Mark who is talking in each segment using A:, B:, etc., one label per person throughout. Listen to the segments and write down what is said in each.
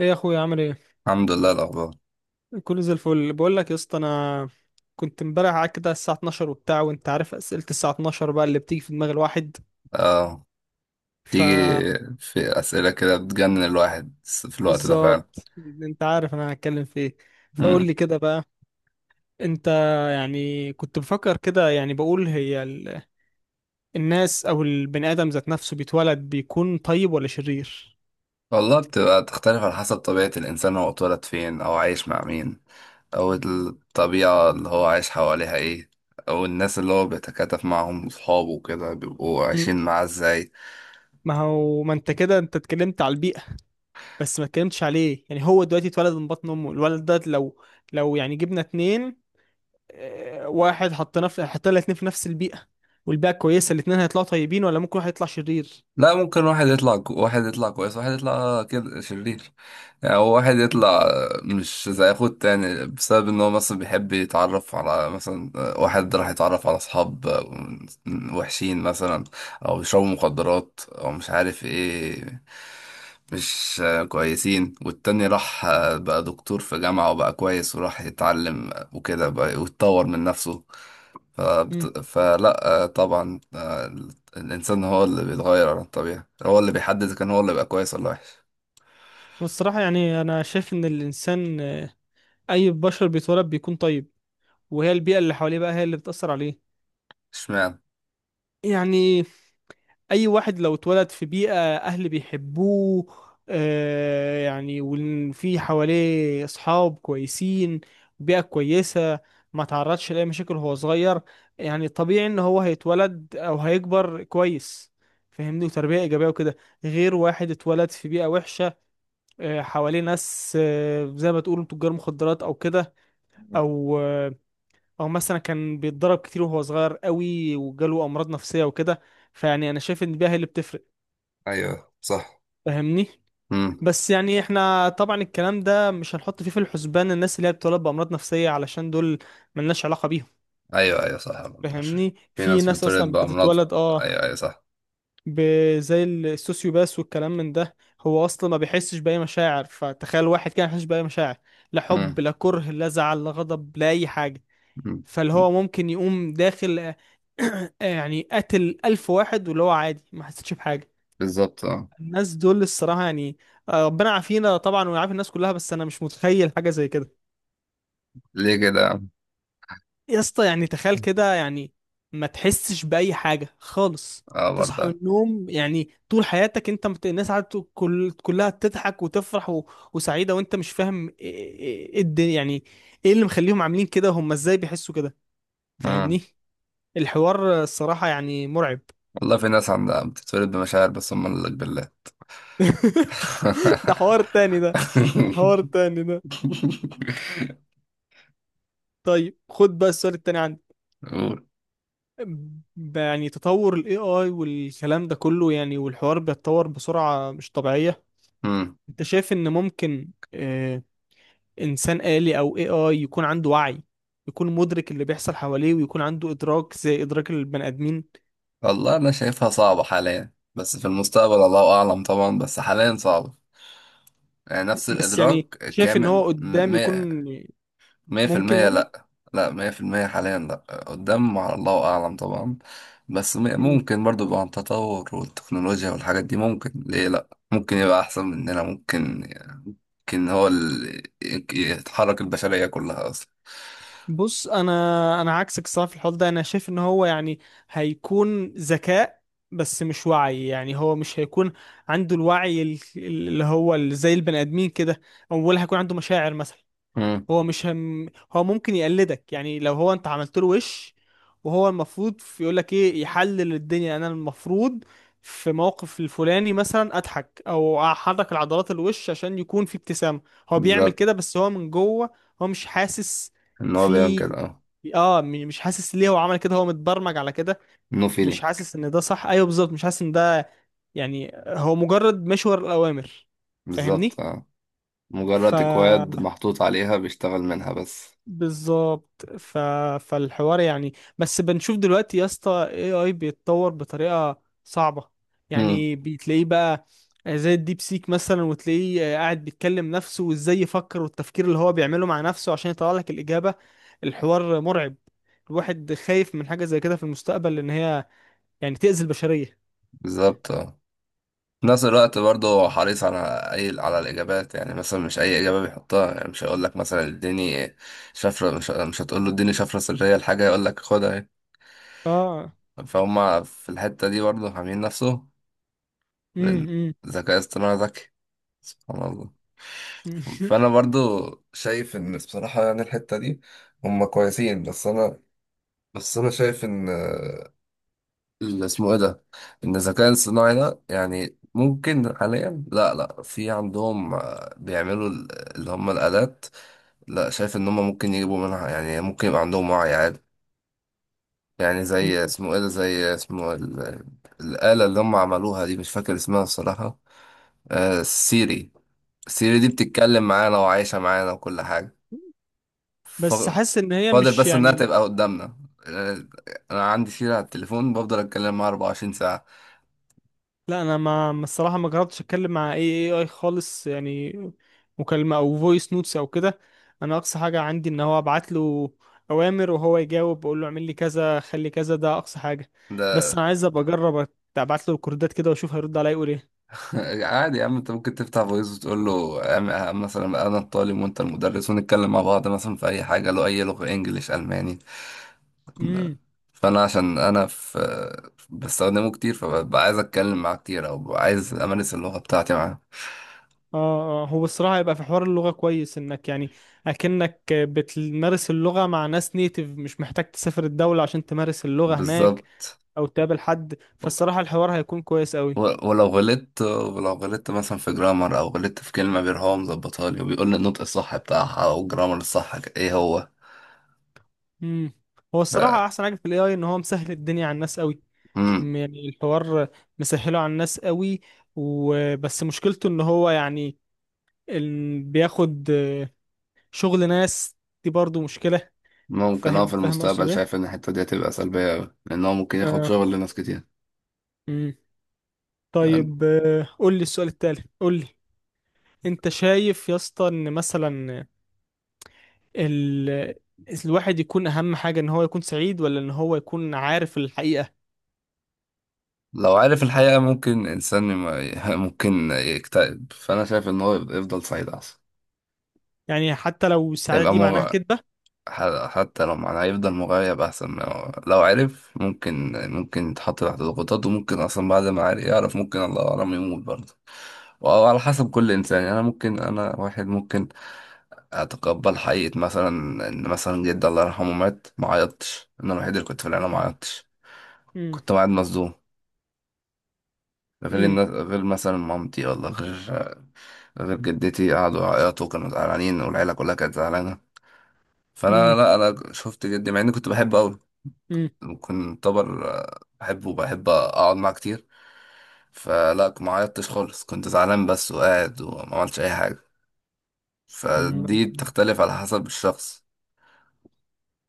A: ايه يا اخويا عامل ايه؟
B: الحمد لله الأخبار.
A: كله زي الفل. بقول لك يا اسطى، انا كنت امبارح قاعد كده الساعه 12 وبتاع، وانت عارف اسئله الساعه 12 بقى اللي بتيجي في دماغ الواحد.
B: اه،
A: ف
B: تيجي في أسئلة كده بتجنن الواحد في الوقت ده فعلا.
A: بالظبط انت عارف انا هتكلم في ايه. فقول
B: مم.
A: لي كده بقى. انت يعني كنت بفكر كده، يعني بقول الناس او البني ادم ذات نفسه بيتولد بيكون طيب ولا شرير؟
B: والله بتبقى تختلف على حسب طبيعة الإنسان، هو اتولد فين أو عايش مع مين، أو الطبيعة اللي هو عايش حواليها إيه، أو الناس اللي هو بيتكاتف معاهم صحابه وكده بيبقوا
A: مم.
B: عايشين معاه إزاي.
A: ما هو ما انت كده انت اتكلمت على البيئه، بس ما اتكلمتش عليه. يعني هو دلوقتي اتولد من بطن امه الولد ده، لو يعني جبنا اتنين، واحد حطينا الاتنين في نفس البيئة، والبيئة كويسة، الاتنين هيطلعوا طيبين ولا ممكن واحد يطلع شرير؟
B: لا، ممكن واحد يطلع واحد يطلع كويس واحد يطلع كده شرير. يعني هو واحد
A: مم.
B: يطلع مش زي اخوه التاني بسبب ان هو مثلا بيحب يتعرف على مثلا، واحد راح يتعرف على اصحاب وحشين مثلا، او بيشربوا مخدرات او مش عارف ايه، مش كويسين. والتاني راح بقى دكتور في جامعة وبقى كويس وراح يتعلم وكده بقى ويتطور من نفسه.
A: مم.
B: فبت... فلا آه، طبعا، الإنسان هو اللي بيتغير عن الطبيعة، هو اللي بيحدد إذا كان هو اللي بقى كويس ولا وحش.
A: والصراحة يعني أنا شايف إن الإنسان أي بشر بيتولد بيكون طيب، وهي البيئة اللي حواليه بقى هي اللي بتأثر عليه.
B: اشمعنى؟
A: يعني اي واحد لو اتولد في بيئة اهل بيحبوه، يعني وفي حواليه اصحاب كويسين، بيئة كويسة، ما تعرضش لاي مشاكل وهو صغير، يعني طبيعي ان هو هيتولد او هيكبر كويس، فاهمني، وتربية ايجابية وكده. غير واحد اتولد في بيئة وحشة، حواليه ناس، زي ما تقولوا تجار مخدرات او كده، او آه او مثلا كان بيتضرب كتير وهو صغير قوي وجاله امراض نفسية وكده. فيعني انا شايف ان البيئة هي اللي بتفرق،
B: ايوه صح.
A: فاهمني.
B: امم.
A: بس يعني احنا طبعا الكلام ده مش هنحط فيه في الحسبان الناس اللي هي بتتولد بأمراض نفسية، علشان دول ملناش علاقة بيهم،
B: ايوه ايوه صح. 14.
A: فاهمني.
B: في
A: في
B: ناس
A: ناس
B: بتولد
A: اصلا
B: بأمراض.
A: بتتولد
B: ايوه ايوه صح.
A: زي السوسيوباس والكلام من ده. هو اصلا ما بيحسش بأي مشاعر، فتخيل واحد كان يحسش بأي مشاعر، لا حب
B: امم.
A: لا كره لا زعل لا غضب لا اي حاجة.
B: أمم.
A: فاللي هو ممكن يقوم داخل يعني قتل ألف واحد، واللي هو عادي ما حسيتش بحاجة.
B: بالظبط اه.
A: الناس دول الصراحة يعني ربنا يعافينا طبعا ويعافي الناس كلها، بس انا مش متخيل حاجة زي كده.
B: ليه كده يا عم؟
A: يا اسطى، يعني تخيل كده، يعني ما تحسش بأي حاجة خالص.
B: اه
A: تصحى من
B: برضه.
A: النوم، يعني طول حياتك انت الناس قاعدة كلها تضحك وتفرح وسعيدة، وانت مش فاهم إيه الدنيا؟ يعني ايه اللي مخليهم عاملين كده؟ هم ازاي بيحسوا كده؟
B: امم.
A: فاهمني. الحوار الصراحة يعني مرعب.
B: والله في ناس عندها بتتولد بمشاعر بس هم اللي بالله.
A: ده حوار تاني ده. ده حوار تاني ده. طيب، خد بقى السؤال التاني عندي.
B: قول.
A: يعني تطور ال AI والكلام ده كله، يعني والحوار بيتطور بسرعة مش طبيعية.
B: أمم.
A: انت شايف ان ممكن انسان آلي او AI يكون عنده وعي، يكون مدرك اللي بيحصل حواليه، ويكون عنده ادراك زي ادراك البني ادمين؟
B: والله أنا شايفها صعبة حاليا، بس في المستقبل الله أعلم طبعا، بس حاليا صعبة. يعني نفس
A: بس
B: الإدراك
A: يعني شايف ان
B: كامل،
A: هو قدام يكون
B: مية مية في
A: ممكن
B: المية
A: يعني؟
B: لأ. لأ، مية في المية حاليا لأ. قدام على الله أعلم طبعا، بس ممكن برضو، يبقى عن التطور والتكنولوجيا والحاجات دي ممكن، ليه لأ، ممكن يبقى أحسن مننا، ممكن يمكن هو اللي يتحرك البشرية كلها أصلا.
A: بص انا عكسك الصراحه في الحوار ده. انا شايف ان هو يعني هيكون ذكاء، بس مش وعي، يعني هو مش هيكون عنده الوعي اللي هو زي البني ادمين كده، أو ولا هيكون عنده مشاعر مثلا.
B: مم.
A: هو مش هم، هو ممكن يقلدك، يعني لو هو انت عملت له وش، وهو المفروض يقول لك ايه، يحلل الدنيا، انا المفروض في موقف الفلاني مثلا اضحك او احرك العضلات الوش عشان يكون في ابتسامة، هو بيعمل
B: بالظبط.
A: كده، بس هو من جوه هو مش حاسس
B: إن هو بيعمل كده
A: في،
B: أه.
A: مش حاسس ليه هو عمل كده، هو متبرمج على كده،
B: نو
A: مش
B: فيلينج.
A: حاسس ان ده صح، ايوه بالظبط مش حاسس ان ده، يعني هو مجرد مشور الاوامر،
B: بالظبط
A: فاهمني.
B: اه.
A: ف
B: مجرد اكواد محطوط عليها بيشتغل منها بس.
A: بالظبط. فالحوار يعني، بس بنشوف دلوقتي يا اسطى AI بيتطور بطريقة صعبة.
B: امم.
A: يعني بتلاقيه بقى زي الديب سيك مثلا، وتلاقيه قاعد بيتكلم نفسه وازاي يفكر، والتفكير اللي هو بيعمله مع نفسه عشان يطلع لك الإجابة. الحوار مرعب، الواحد خايف من حاجة زي كده في المستقبل، لأن هي يعني تأذي البشرية.
B: بالظبط آه. في نفس الوقت برضه هو حريص على اي، على الاجابات، يعني مثلا مش اي اجابه بيحطها. يعني مش هيقول لك مثلا اديني شفره، مش هتقول له اديني شفره سريه لحاجه يقول لك خدها.
A: اه.
B: اهي فهم في الحته دي برضه، حامين نفسه، لان
A: امم.
B: الذكاء الاصطناعي ذكي سبحان الله. فانا برضه شايف ان بصراحه يعني الحته دي هم كويسين. بس انا شايف ان اللي اسمه ايه ده، ان الذكاء الصناعي ده يعني ممكن حاليا، لا في عندهم آه، بيعملوا اللي هم الآلات. لا، شايف ان هم ممكن يجيبوا منها، يعني ممكن يبقى عندهم وعي عادي. يعني زي اسمه ايه ده، زي اسمه الآلة اللي هم عملوها دي، مش فاكر اسمها الصراحة. آه سيري. سيري دي بتتكلم معانا وعايشة معانا وكل حاجة. ف-
A: بس حاسس ان هي
B: فاضل
A: مش
B: بس انها
A: يعني.
B: تبقى قدامنا. آه، انا عندي سيري على التليفون بفضل اتكلم معاها 24 ساعة.
A: لا، انا ما ما الصراحه ما جربتش اتكلم مع اي خالص، يعني مكالمه او فويس نوتس او كده. انا اقصى حاجه عندي ان هو ابعت له اوامر وهو يجاوب، بقول له اعمل لي كذا خلي كذا، ده اقصى حاجه. بس انا عايز ابقى اجرب، ابعت له الكوردات كده واشوف هيرد عليا يقول ايه.
B: عادي يا عم انت ممكن تفتح فويس وتقول له، مثلا انا الطالب وانت المدرس ونتكلم مع بعض مثلا في اي حاجه، لو اي لغه انجليش الماني.
A: امم.
B: فانا عشان انا في بستخدمه كتير، فببقى عايز اتكلم معاه كتير، او ببقى عايز امارس اللغه بتاعتي معاه.
A: اه اه، هو الصراحه هيبقى في حوار اللغه كويس، انك يعني اكنك بتمارس اللغه مع ناس نيتيف، مش محتاج تسافر الدوله عشان تمارس اللغه هناك
B: بالظبط.
A: او تقابل حد، فالصراحه الحوار هيكون كويس قوي.
B: ولو غلطت، مثلا في جرامر او غلطت في كلمه، بيروح هو مظبطها لي وبيقول لي النطق الصح بتاعها او الجرامر الصح ايه هو.
A: مم. هو
B: ف
A: الصراحة أحسن حاجة في ال AI إن هو مسهل الدنيا على الناس قوي. يعني الحوار مسهله على الناس قوي، وبس مشكلته إن هو يعني بياخد شغل ناس، دي برضو مشكلة.
B: ممكن اه،
A: فاهم
B: في
A: فاهم أقصد
B: المستقبل
A: إيه؟
B: شايف ان الحتة دي هتبقى سلبية أوي، لأن هو ممكن ياخد
A: آه.
B: شغل لناس كتير.
A: مم.
B: فأن-
A: طيب قول لي السؤال التالي، قول لي، أنت شايف يا اسطى إن مثلا ال... الواحد يكون أهم حاجة إن هو يكون سعيد ولا إن هو يكون عارف الحقيقة؟
B: لو عارف الحقيقة ممكن إنسان ممكن يكتئب. فأنا شايف إن هو يفضل سعيد أحسن.
A: يعني حتى لو السعادة
B: يبقى
A: دي معناها
B: مغ...
A: كذبة؟
B: حتى لو معناه يفضل مغيب أحسن، ما هو- لو عرف ممكن، ممكن يتحط تحت ضغوطات، وممكن أصلا بعد ما عارف يعرف ممكن الله أعلم يموت برضه. وعلى حسب كل إنسان. يعني أنا ممكن، أنا واحد ممكن أتقبل حقيقة، مثلا إن مثلا جدي الله يرحمه مات ما عيطتش. أنا الوحيد اللي كنت في العيلة ما
A: مم.
B: عيطتش، كنت قاعد مصدوم. غير
A: مم.
B: الناس، غير مثلا مامتي، ولا غير غير جدتي، قعدوا يعيطوا كانوا زعلانين والعيلة كلها كانت زعلانة. فأنا
A: مم.
B: لا، أنا شفت جدي مع إني كنت بحبه أوي،
A: مم.
B: كنت طبر آه، بحبه وبحب أقعد معاه كتير. فلا، ما عيطتش خالص، كنت زعلان بس وقاعد وما عملتش أي حاجة.
A: مم.
B: فدي بتختلف على حسب الشخص.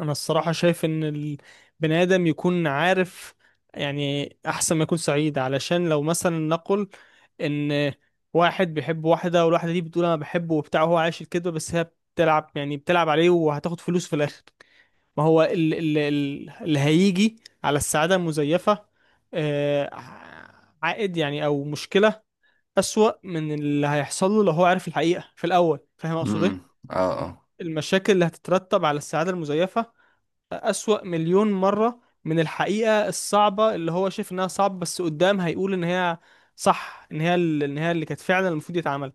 A: انا الصراحه شايف ان البني ادم يكون عارف، يعني احسن ما يكون سعيد، علشان لو مثلا نقل ان واحد بيحب واحده والواحده دي بتقول انا بحبه وبتاع، وهو عايش الكذبه بس هي بتلعب، يعني بتلعب عليه وهتاخد فلوس في الاخر. ما هو ال ال ال اللي هيجي على السعاده المزيفه آه، عائد يعني او مشكله اسوأ من اللي هيحصل له لو هو عارف الحقيقه في الاول، فاهم اقصد
B: امم.
A: ايه؟
B: اه.
A: المشاكل اللي هتترتب على السعادة المزيفة أسوأ مليون مرة من الحقيقة الصعبة اللي هو شايف إنها صعبة، بس قدام هيقول إن هي صح، إن هي إن هي اللي كانت فعلا المفروض يتعمل.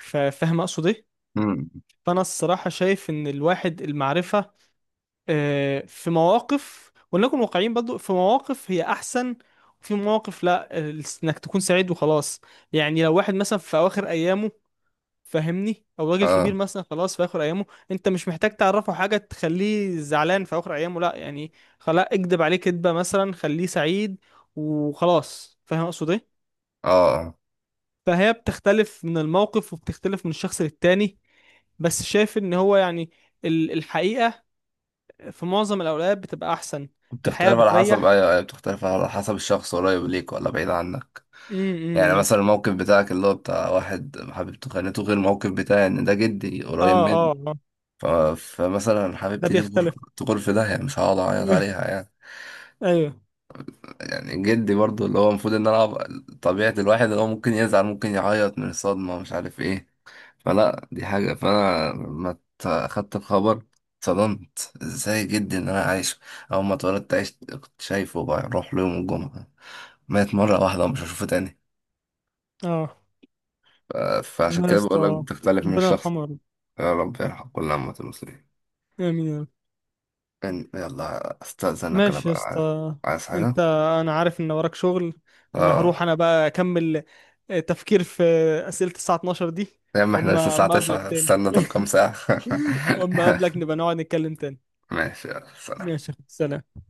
A: فاهم أقصد إيه؟
B: امم.
A: فأنا الصراحة شايف إن الواحد المعرفة في مواقف، ولنكن واقعيين برضو، في مواقف هي أحسن، وفي مواقف لا، إنك تكون سعيد وخلاص. يعني لو واحد مثلا في أواخر أيامه، فاهمني، او راجل كبير
B: اه
A: مثلا خلاص في اخر ايامه، انت مش محتاج تعرفه حاجه تخليه زعلان في اخر ايامه، لا يعني خلاص اكدب عليه كدبه مثلا خليه سعيد وخلاص، فاهم اقصد ايه؟
B: اه آه.
A: فهي بتختلف من الموقف وبتختلف من الشخص للتاني، بس شايف ان هو يعني الحقيقه في معظم الاوقات بتبقى احسن. الحقيقه
B: بتختلف على حسب،
A: بتريح.
B: ايوه ايوه، بتختلف على حسب الشخص قريب ليك ولا بعيد عنك. يعني
A: امم.
B: مثلا الموقف بتاعك اللي هو بتاع واحد حبيبته خانته، غير الموقف بتاعي ان ده جدي
A: اه
B: قريب مني.
A: اه. آه.
B: فمثلا
A: ده
B: حبيبتي دي تغر،
A: بيختلف.
B: تغر في داهية، مش هقعد اعيط عليها يعني.
A: ايوه.
B: يعني جدي برضو اللي هو المفروض ان انا طبيعة الواحد اللي هو ممكن يزعل، ممكن يعيط من الصدمة، مش عارف ايه. فلا دي حاجة، فانا ما ت- خدت الخبر، اتصدمت ازاي، جدي ان انا عايش اول ما اتولدت عشت، كنت شايفه بروح له يوم الجمعة، مات مرة واحدة ومش هشوفه تاني.
A: اه.
B: ف- فعشان
A: الله يا
B: كده بقول لك
A: اسطى،
B: بتختلف من
A: ربنا
B: الشخص.
A: يرحمه يا رب.
B: يا رب يرحم كل أمة المسلمين.
A: امين يا رب.
B: يلا استأذنك، أنا
A: ماشي يا
B: بقى عايز.
A: اسطى.
B: عايز حاجة؟
A: انت انا عارف ان وراك شغل، انا هروح،
B: اه.
A: انا بقى اكمل تفكير في اسئلة الساعة 12 دي.
B: يا عم احنا لسه
A: اما
B: الساعة
A: اما اقابلك
B: 9،
A: تاني،
B: استنى طب كام ساعة.
A: اما اقابلك نبقى نقعد نتكلم تاني.
B: ماشي، يلا، سلام.
A: ماشي يا أخوي، سلام.